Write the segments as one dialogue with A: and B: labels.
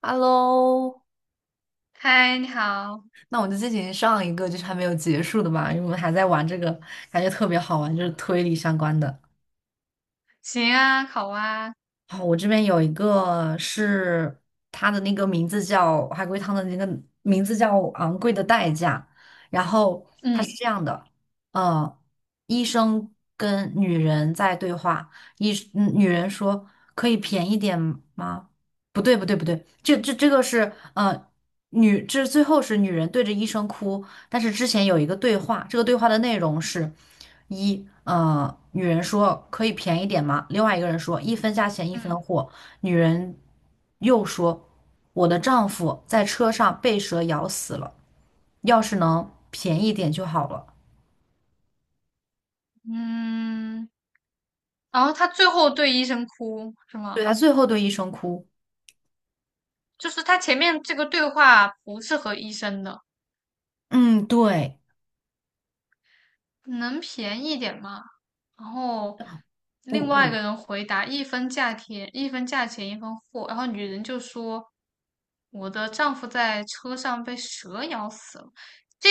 A: Hello，
B: 嗨，你好，
A: 那我们就进行上一个就是还没有结束的吧，因为我们还在玩这个，感觉特别好玩，就是推理相关的。
B: 行啊，好啊，
A: 哦，我这边有一个是他的那个名字叫海龟汤的那个名字叫《昂贵的代价》，然后它是
B: 嗯，
A: 这样的，呃，医生跟女人在对话，女人说可以便宜点吗？不对不对不对，这个是最后是女人对着医生哭，但是之前有一个对话，这个对话的内容是。一，女人说可以便宜点吗？另外一个人说一分价钱一
B: 嗯
A: 分货。女人又说，我的丈夫在车上被蛇咬死了，要是能便宜点就好了。
B: 嗯，然后他最后对医生哭是
A: 对，
B: 吗？
A: 他最后对医生哭。
B: 就是他前面这个对话不是和医生的，
A: 嗯，对，
B: 能便宜点吗？然后
A: 我
B: 另外一
A: 我
B: 个人回答一分价钱一分货，然后女人就说我的丈夫在车上被蛇咬死了。这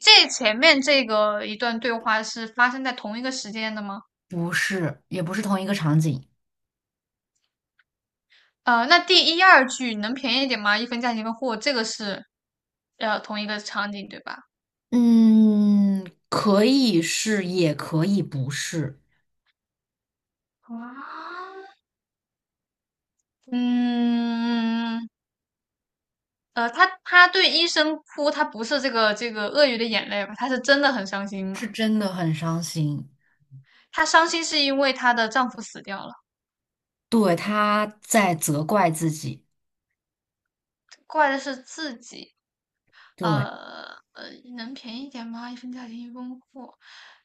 B: 这前面这个一段对话是发生在同一个时间的吗？
A: 不是，也不是同一个场景。
B: 那第一二句能便宜一点吗？一分价钱一分货，这个是同一个场景对吧？
A: 嗯，可以是，也可以不是，
B: 嗯，他对医生哭，他不是这个鳄鱼的眼泪吧？他是真的很伤心嘛？
A: 是真的很伤心。
B: 她伤心是因为她的丈夫死掉了，
A: 对，他在责怪自己。
B: 怪的是自己。呃
A: 对。
B: 呃，能便宜一点吗？一分价钱一分货，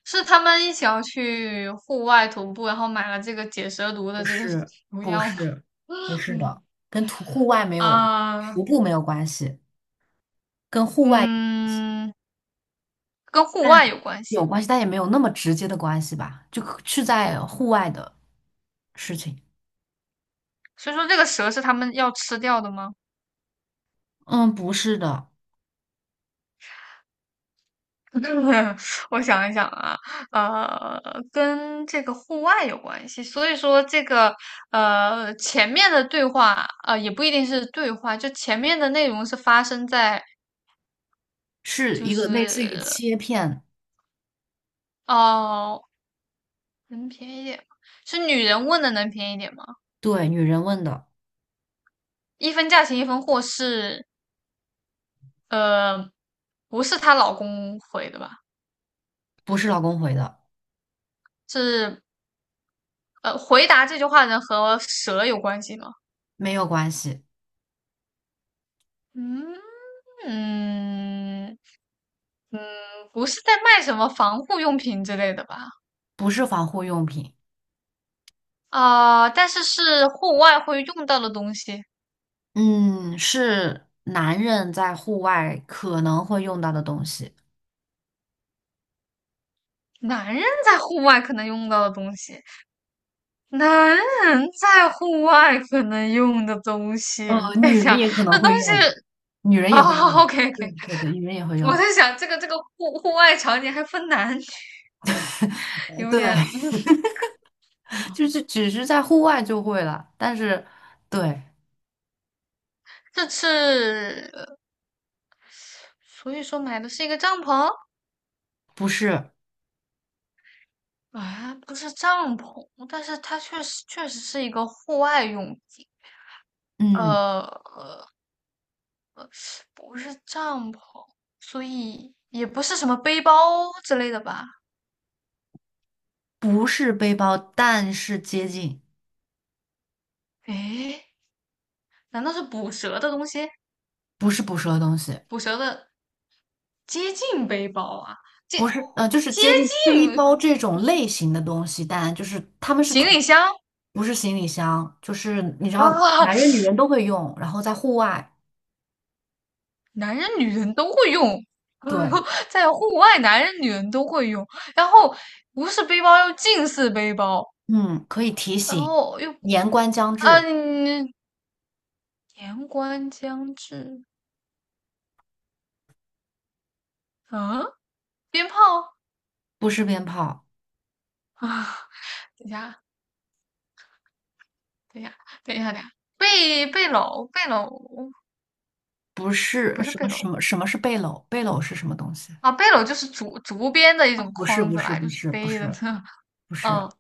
B: 是他们一起要去户外徒步，然后买了这个解蛇毒的
A: 不
B: 这个
A: 是，
B: 毒
A: 不
B: 药吗？
A: 是，不是的，
B: 嗯，
A: 跟徒户外没 有，
B: 啊、
A: 徒步没有关系，跟户外
B: 嗯，跟户
A: 但
B: 外有关
A: 有
B: 系。
A: 关系，但也没有那么直接的关系吧，就可是在户外的事情。
B: 所以说，这个蛇是他们要吃掉的吗？
A: 嗯，不是的，
B: 我想一想啊，呃，跟这个户外有关系。所以说，这个前面的对话，也不一定是对话，就前面的内容是发生在
A: 是
B: 就
A: 一个
B: 是
A: 类似于切片，
B: 哦，能便宜一点吗？是女人问的能便宜一点吗？
A: 对，女人问的，
B: 一分价钱一分货是呃，不是她老公回的吧？
A: 不是老公回的，
B: 是回答这句话呢和蛇有关系吗？
A: 没有关系，
B: 嗯嗯嗯，不是在卖什么防护用品之类的吧？
A: 不是防护用品，
B: 啊、但是是户外会用到的东西，
A: 嗯，是男人在户外可能会用到的东西。
B: 男人在户外可能用到的东西，男人在户外可能用的东西。等一
A: 女人
B: 下，
A: 也可能
B: 那东
A: 会用，
B: 西
A: 女人
B: 啊、
A: 也会
B: o
A: 用，
B: k OK，
A: 对对对，女人 也会
B: 我
A: 用，
B: 在想这个户外场景还分男，有
A: 对，
B: 点，嗯
A: 就是只是在户外就会了，但是对，
B: 这是所以说买的是一个帐篷
A: 不是，
B: 啊，不是帐篷，但是它确实是一个户外用品，
A: 嗯，
B: 呃，不是帐篷，所以也不是什么背包之类的吧？
A: 不是背包，但是接近，
B: 诶，难道是捕蛇的东西？
A: 不是捕蛇的东西，
B: 捕蛇的接近背包啊，接
A: 不是，就是
B: 接
A: 接近背
B: 近
A: 包这种类型的东西，但就是他们是
B: 行
A: 同，
B: 李箱
A: 不是行李箱，就是你知道，
B: 啊，
A: 男人女人都会用，然后在户外，
B: 男人女人都会用。
A: 对，
B: 在户外，男人女人都会用。然后不是背包，又近似背包，
A: 嗯，可以提
B: 然
A: 醒，
B: 后又
A: 年关将至，
B: 嗯，年关将至嗯，鞭炮
A: 不是鞭炮。
B: 啊！等一下，等一下，等一下，等一下，背篓，背篓
A: 不
B: 也
A: 是
B: 不是
A: 什么
B: 背
A: 什
B: 篓
A: 么什么是背篓？背篓是什么东西？
B: 啊，背篓就是竹编的一种
A: 不是
B: 筐
A: 不
B: 子
A: 是
B: 啦，
A: 不
B: 就是
A: 是不
B: 背的
A: 是
B: 呢。
A: 不是，
B: 嗯，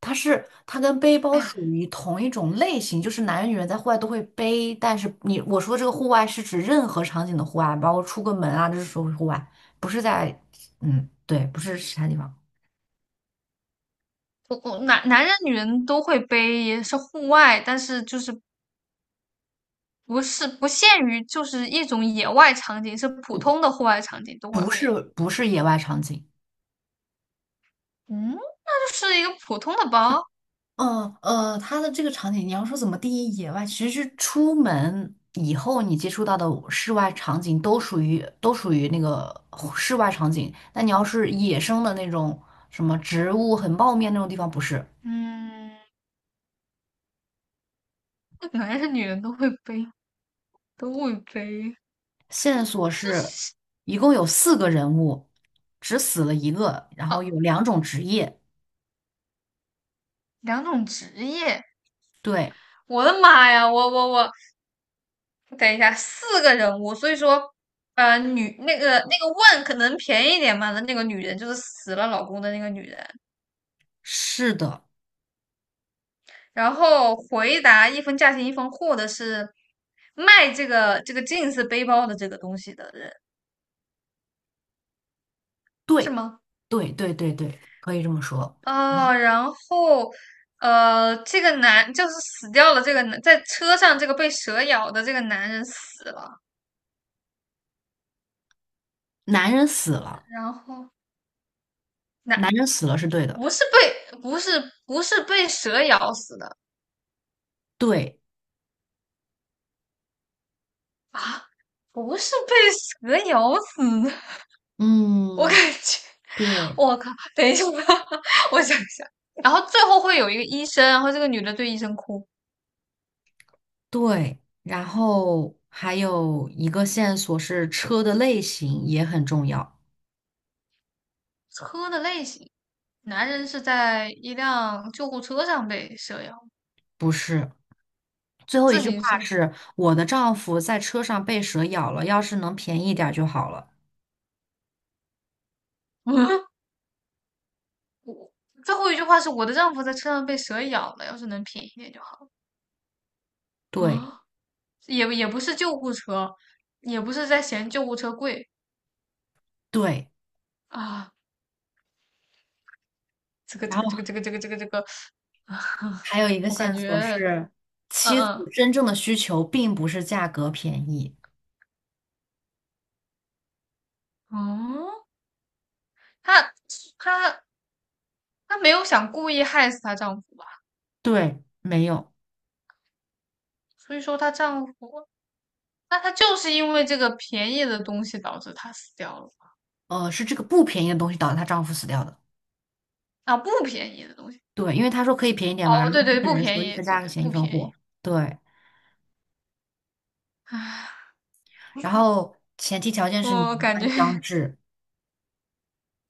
A: 它是它跟背包属
B: 哎
A: 于同一种类型，就是男人女人在户外都会背，但是你我说这个户外是指任何场景的户外，包括出个门啊，这是属于户外，不是在嗯对，不是其他地方，
B: 我男人女人都会背，也是户外，但是就是不是不限于就是一种野外场景，是普
A: 不
B: 通的户外场景都会
A: 不是
B: 背。
A: 不是野外场景。
B: 嗯，那就是一个普通的包。
A: 它的这个场景，你要说怎么定义野外，其实是出门以后你接触到的室外场景都属于那个室外场景。那你要是野生的那种什么植物很茂密那种地方，不是。
B: 嗯。原来是女人都会背，都会背，
A: 线索
B: 这
A: 是
B: 是
A: 一共有四个人物，只死了一个，然
B: 哦，
A: 后有两种职业。
B: 两种职业。
A: 对，
B: 我的妈呀，我，等一下，四个人物，所以说，呃，女那个那个问可能便宜一点嘛的那个女人就是死了老公的那个女人，
A: 是的，
B: 然后回答一分价钱一分货的是卖这个这个 jeans 背包的这个东西的人，是
A: 对
B: 吗？
A: 对对，可以这么说。
B: 哦，然后，这个男就是死掉了，这个男在车上这个被蛇咬的这个男人死了，
A: 男人死了，
B: 然后男
A: 男人死了是对的。
B: 不是被蛇咬死的
A: 对，
B: 啊，不是被蛇咬死的，我感
A: 嗯，
B: 觉
A: 对。
B: 我靠，等一下，我想一下，然后最后会有一个医生，然后这个女的对医生哭。
A: 对，然后还有一个线索是车的类型也很重要，
B: 车的类型，男人是在一辆救护车上被蛇咬，
A: 不是。最后一
B: 自
A: 句话
B: 行车。
A: 是我的丈夫在车上被蛇咬了，要是能便宜点儿就好了。
B: 我最后一句话是我的丈夫在车上被蛇咬了，要是能便宜一点就好。
A: 对
B: 啊也也不是救护车，也不是在嫌救护车贵
A: 对，
B: 啊。这个
A: 然
B: 这个这个
A: 后
B: 这个这个这个这个，啊，
A: 还有一个
B: 我
A: 线
B: 感
A: 索
B: 觉，
A: 是
B: 嗯
A: 妻子
B: 嗯
A: 真正的需求并不是价格便宜，
B: 嗯，她她她没有想故意害死她丈夫吧？
A: 对，没有，
B: 所以说她丈夫，那她就是因为这个便宜的东西导致她死掉了
A: 是这个不便宜的东西导致她丈夫死掉的。
B: 啊，不便宜的东西。
A: 对，因为她说可以便宜点嘛，然
B: 哦，
A: 后
B: 对
A: 那
B: 对，
A: 个
B: 不
A: 人
B: 便
A: 说一
B: 宜，
A: 分
B: 对
A: 价
B: 对
A: 钱一
B: 不
A: 分
B: 便宜。
A: 货。对。
B: 唉，
A: 然后前提条件是年
B: 我感觉
A: 关将至，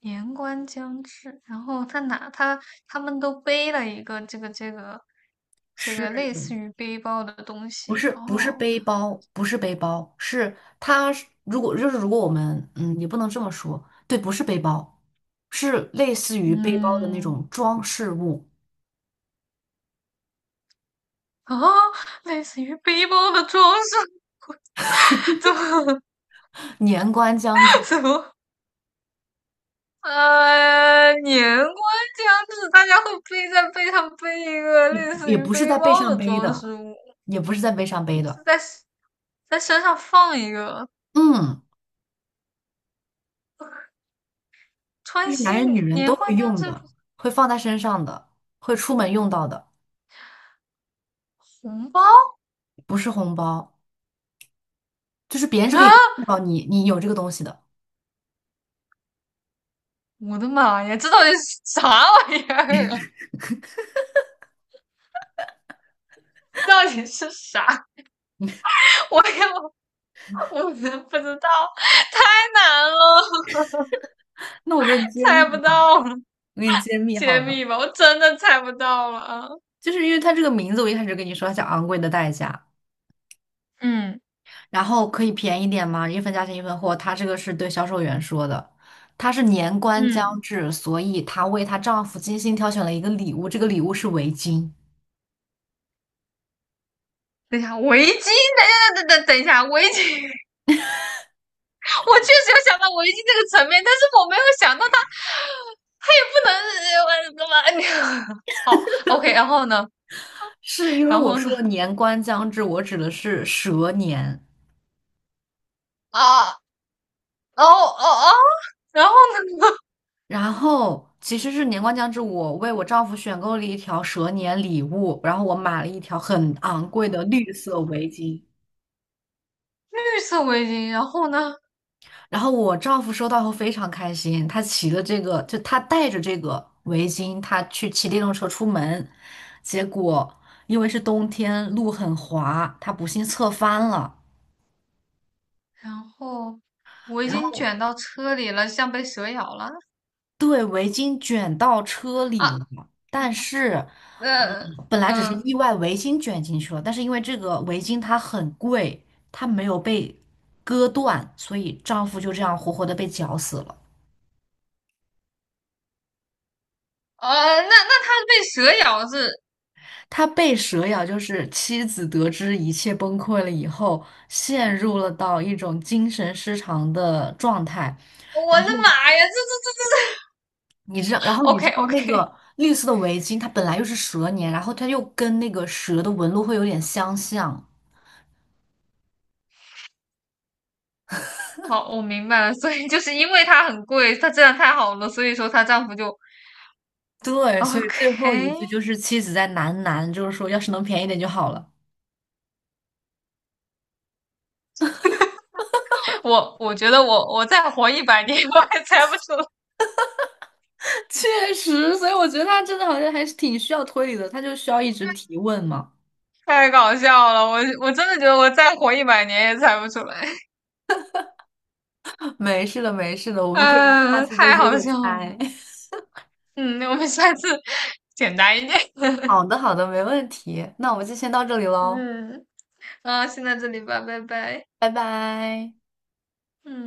B: 年关将至，然后他拿他他们都背了一个这个类
A: 是
B: 似于背包的东
A: 不
B: 西，
A: 是
B: 然
A: 不是
B: 后
A: 背包，不是背包，是它是如果就是如果我们也不能这么说，对，不是背包，是类似于背包的那
B: 嗯
A: 种装饰物。
B: 啊，类似于背包的装饰，怎么
A: 年关将至，
B: 怎么年关将至，大家会背在背上背一个
A: 也
B: 类似
A: 也
B: 于
A: 不是
B: 背
A: 在背
B: 包的
A: 上背
B: 装
A: 的，
B: 饰物，
A: 也不是在背上背
B: 是
A: 的，
B: 在在身上放一个。
A: 嗯，就
B: 川
A: 是
B: 西
A: 男人女人都
B: 年
A: 会
B: 关将
A: 用
B: 至，
A: 的，会放在身上的，会出门用到的，
B: 红包
A: 不是红包，就是别人是
B: 啊！
A: 可以看到你有这个东西的。
B: 我的妈呀，这到底是 啥玩意儿啊？这到底是啥？我也我真不知道，太难了，
A: 那我给你揭秘
B: 猜不
A: 嘛，
B: 到了，
A: 我给你揭秘好
B: 揭
A: 了，
B: 秘吧，我真的猜不到了啊
A: 就是因为它这个名字，我一开始跟你说它叫昂贵的代价，
B: 嗯
A: 然后可以便宜点吗？一分价钱一分货，它这个是对销售员说的，她是年关将
B: 嗯，
A: 至，所以她为她丈夫精心挑选了一个礼物，这个礼物是围巾，
B: 等一下，围巾，等一下，围巾，我确实有想到围巾这个层面，但是我没有想到它，它也不能，我怎么？好，OK，然后呢？
A: 是因为
B: 然
A: 我
B: 后
A: 说
B: 呢？
A: 了年关将至，我指的是蛇年，
B: 啊，哦哦哦，然后呢？
A: 然后其实是年关将至，我为我丈夫选购了一条蛇年礼物，然后我买了一条很昂贵的绿色围巾。
B: 绿色围巾，然后呢？
A: 然后我丈夫收到后非常开心，他骑了这个，就他带着这个围巾，他去骑电动车出门，结果因为是冬天，路很滑，他不幸侧翻了，
B: 然后围
A: 然
B: 巾
A: 后
B: 卷到车里了，像被蛇咬了
A: 对围巾卷到车里了。
B: 啊！
A: 但是
B: 嗯
A: 本来只是
B: 嗯
A: 意外围巾卷进去了，但是因为这个围巾它很贵，它没有被割断，所以丈夫就这样活活的被绞死了。
B: 那它被蛇咬是？
A: 他被蛇咬，就是妻子得知一切崩溃了以后，陷入了到一种精神失常的状态。然
B: 我的
A: 后
B: 妈呀！这这这这
A: 你
B: 这
A: 知道，
B: ，OK
A: 那
B: OK，
A: 个绿色的围巾，它本来又是蛇年，然后它又跟那个蛇的纹路会有点相像。
B: 好，我明白了。所以就是因为它很贵，它质量太好了，所以说她丈夫就
A: 对，所以最后一
B: OK
A: 句就是 妻子在喃喃，就是说要是能便宜点就好了。
B: 我觉得我再活一百年我还猜不出来，
A: 确实，所以我觉得他真的好像还是挺需要推理的，他就需要一直提问嘛。
B: 太搞笑了。我真的觉得我再活一百年也猜不出来，
A: 没事的，没事的，我们可以
B: 嗯、
A: 下次再
B: 太
A: 接
B: 好
A: 着
B: 笑了。
A: 猜。
B: 嗯，那我们下次 简单一点。
A: 好的，好的，没问题。那我们就先到这里喽，
B: 嗯，啊，先到这里吧，拜拜。
A: 拜拜。
B: 嗯。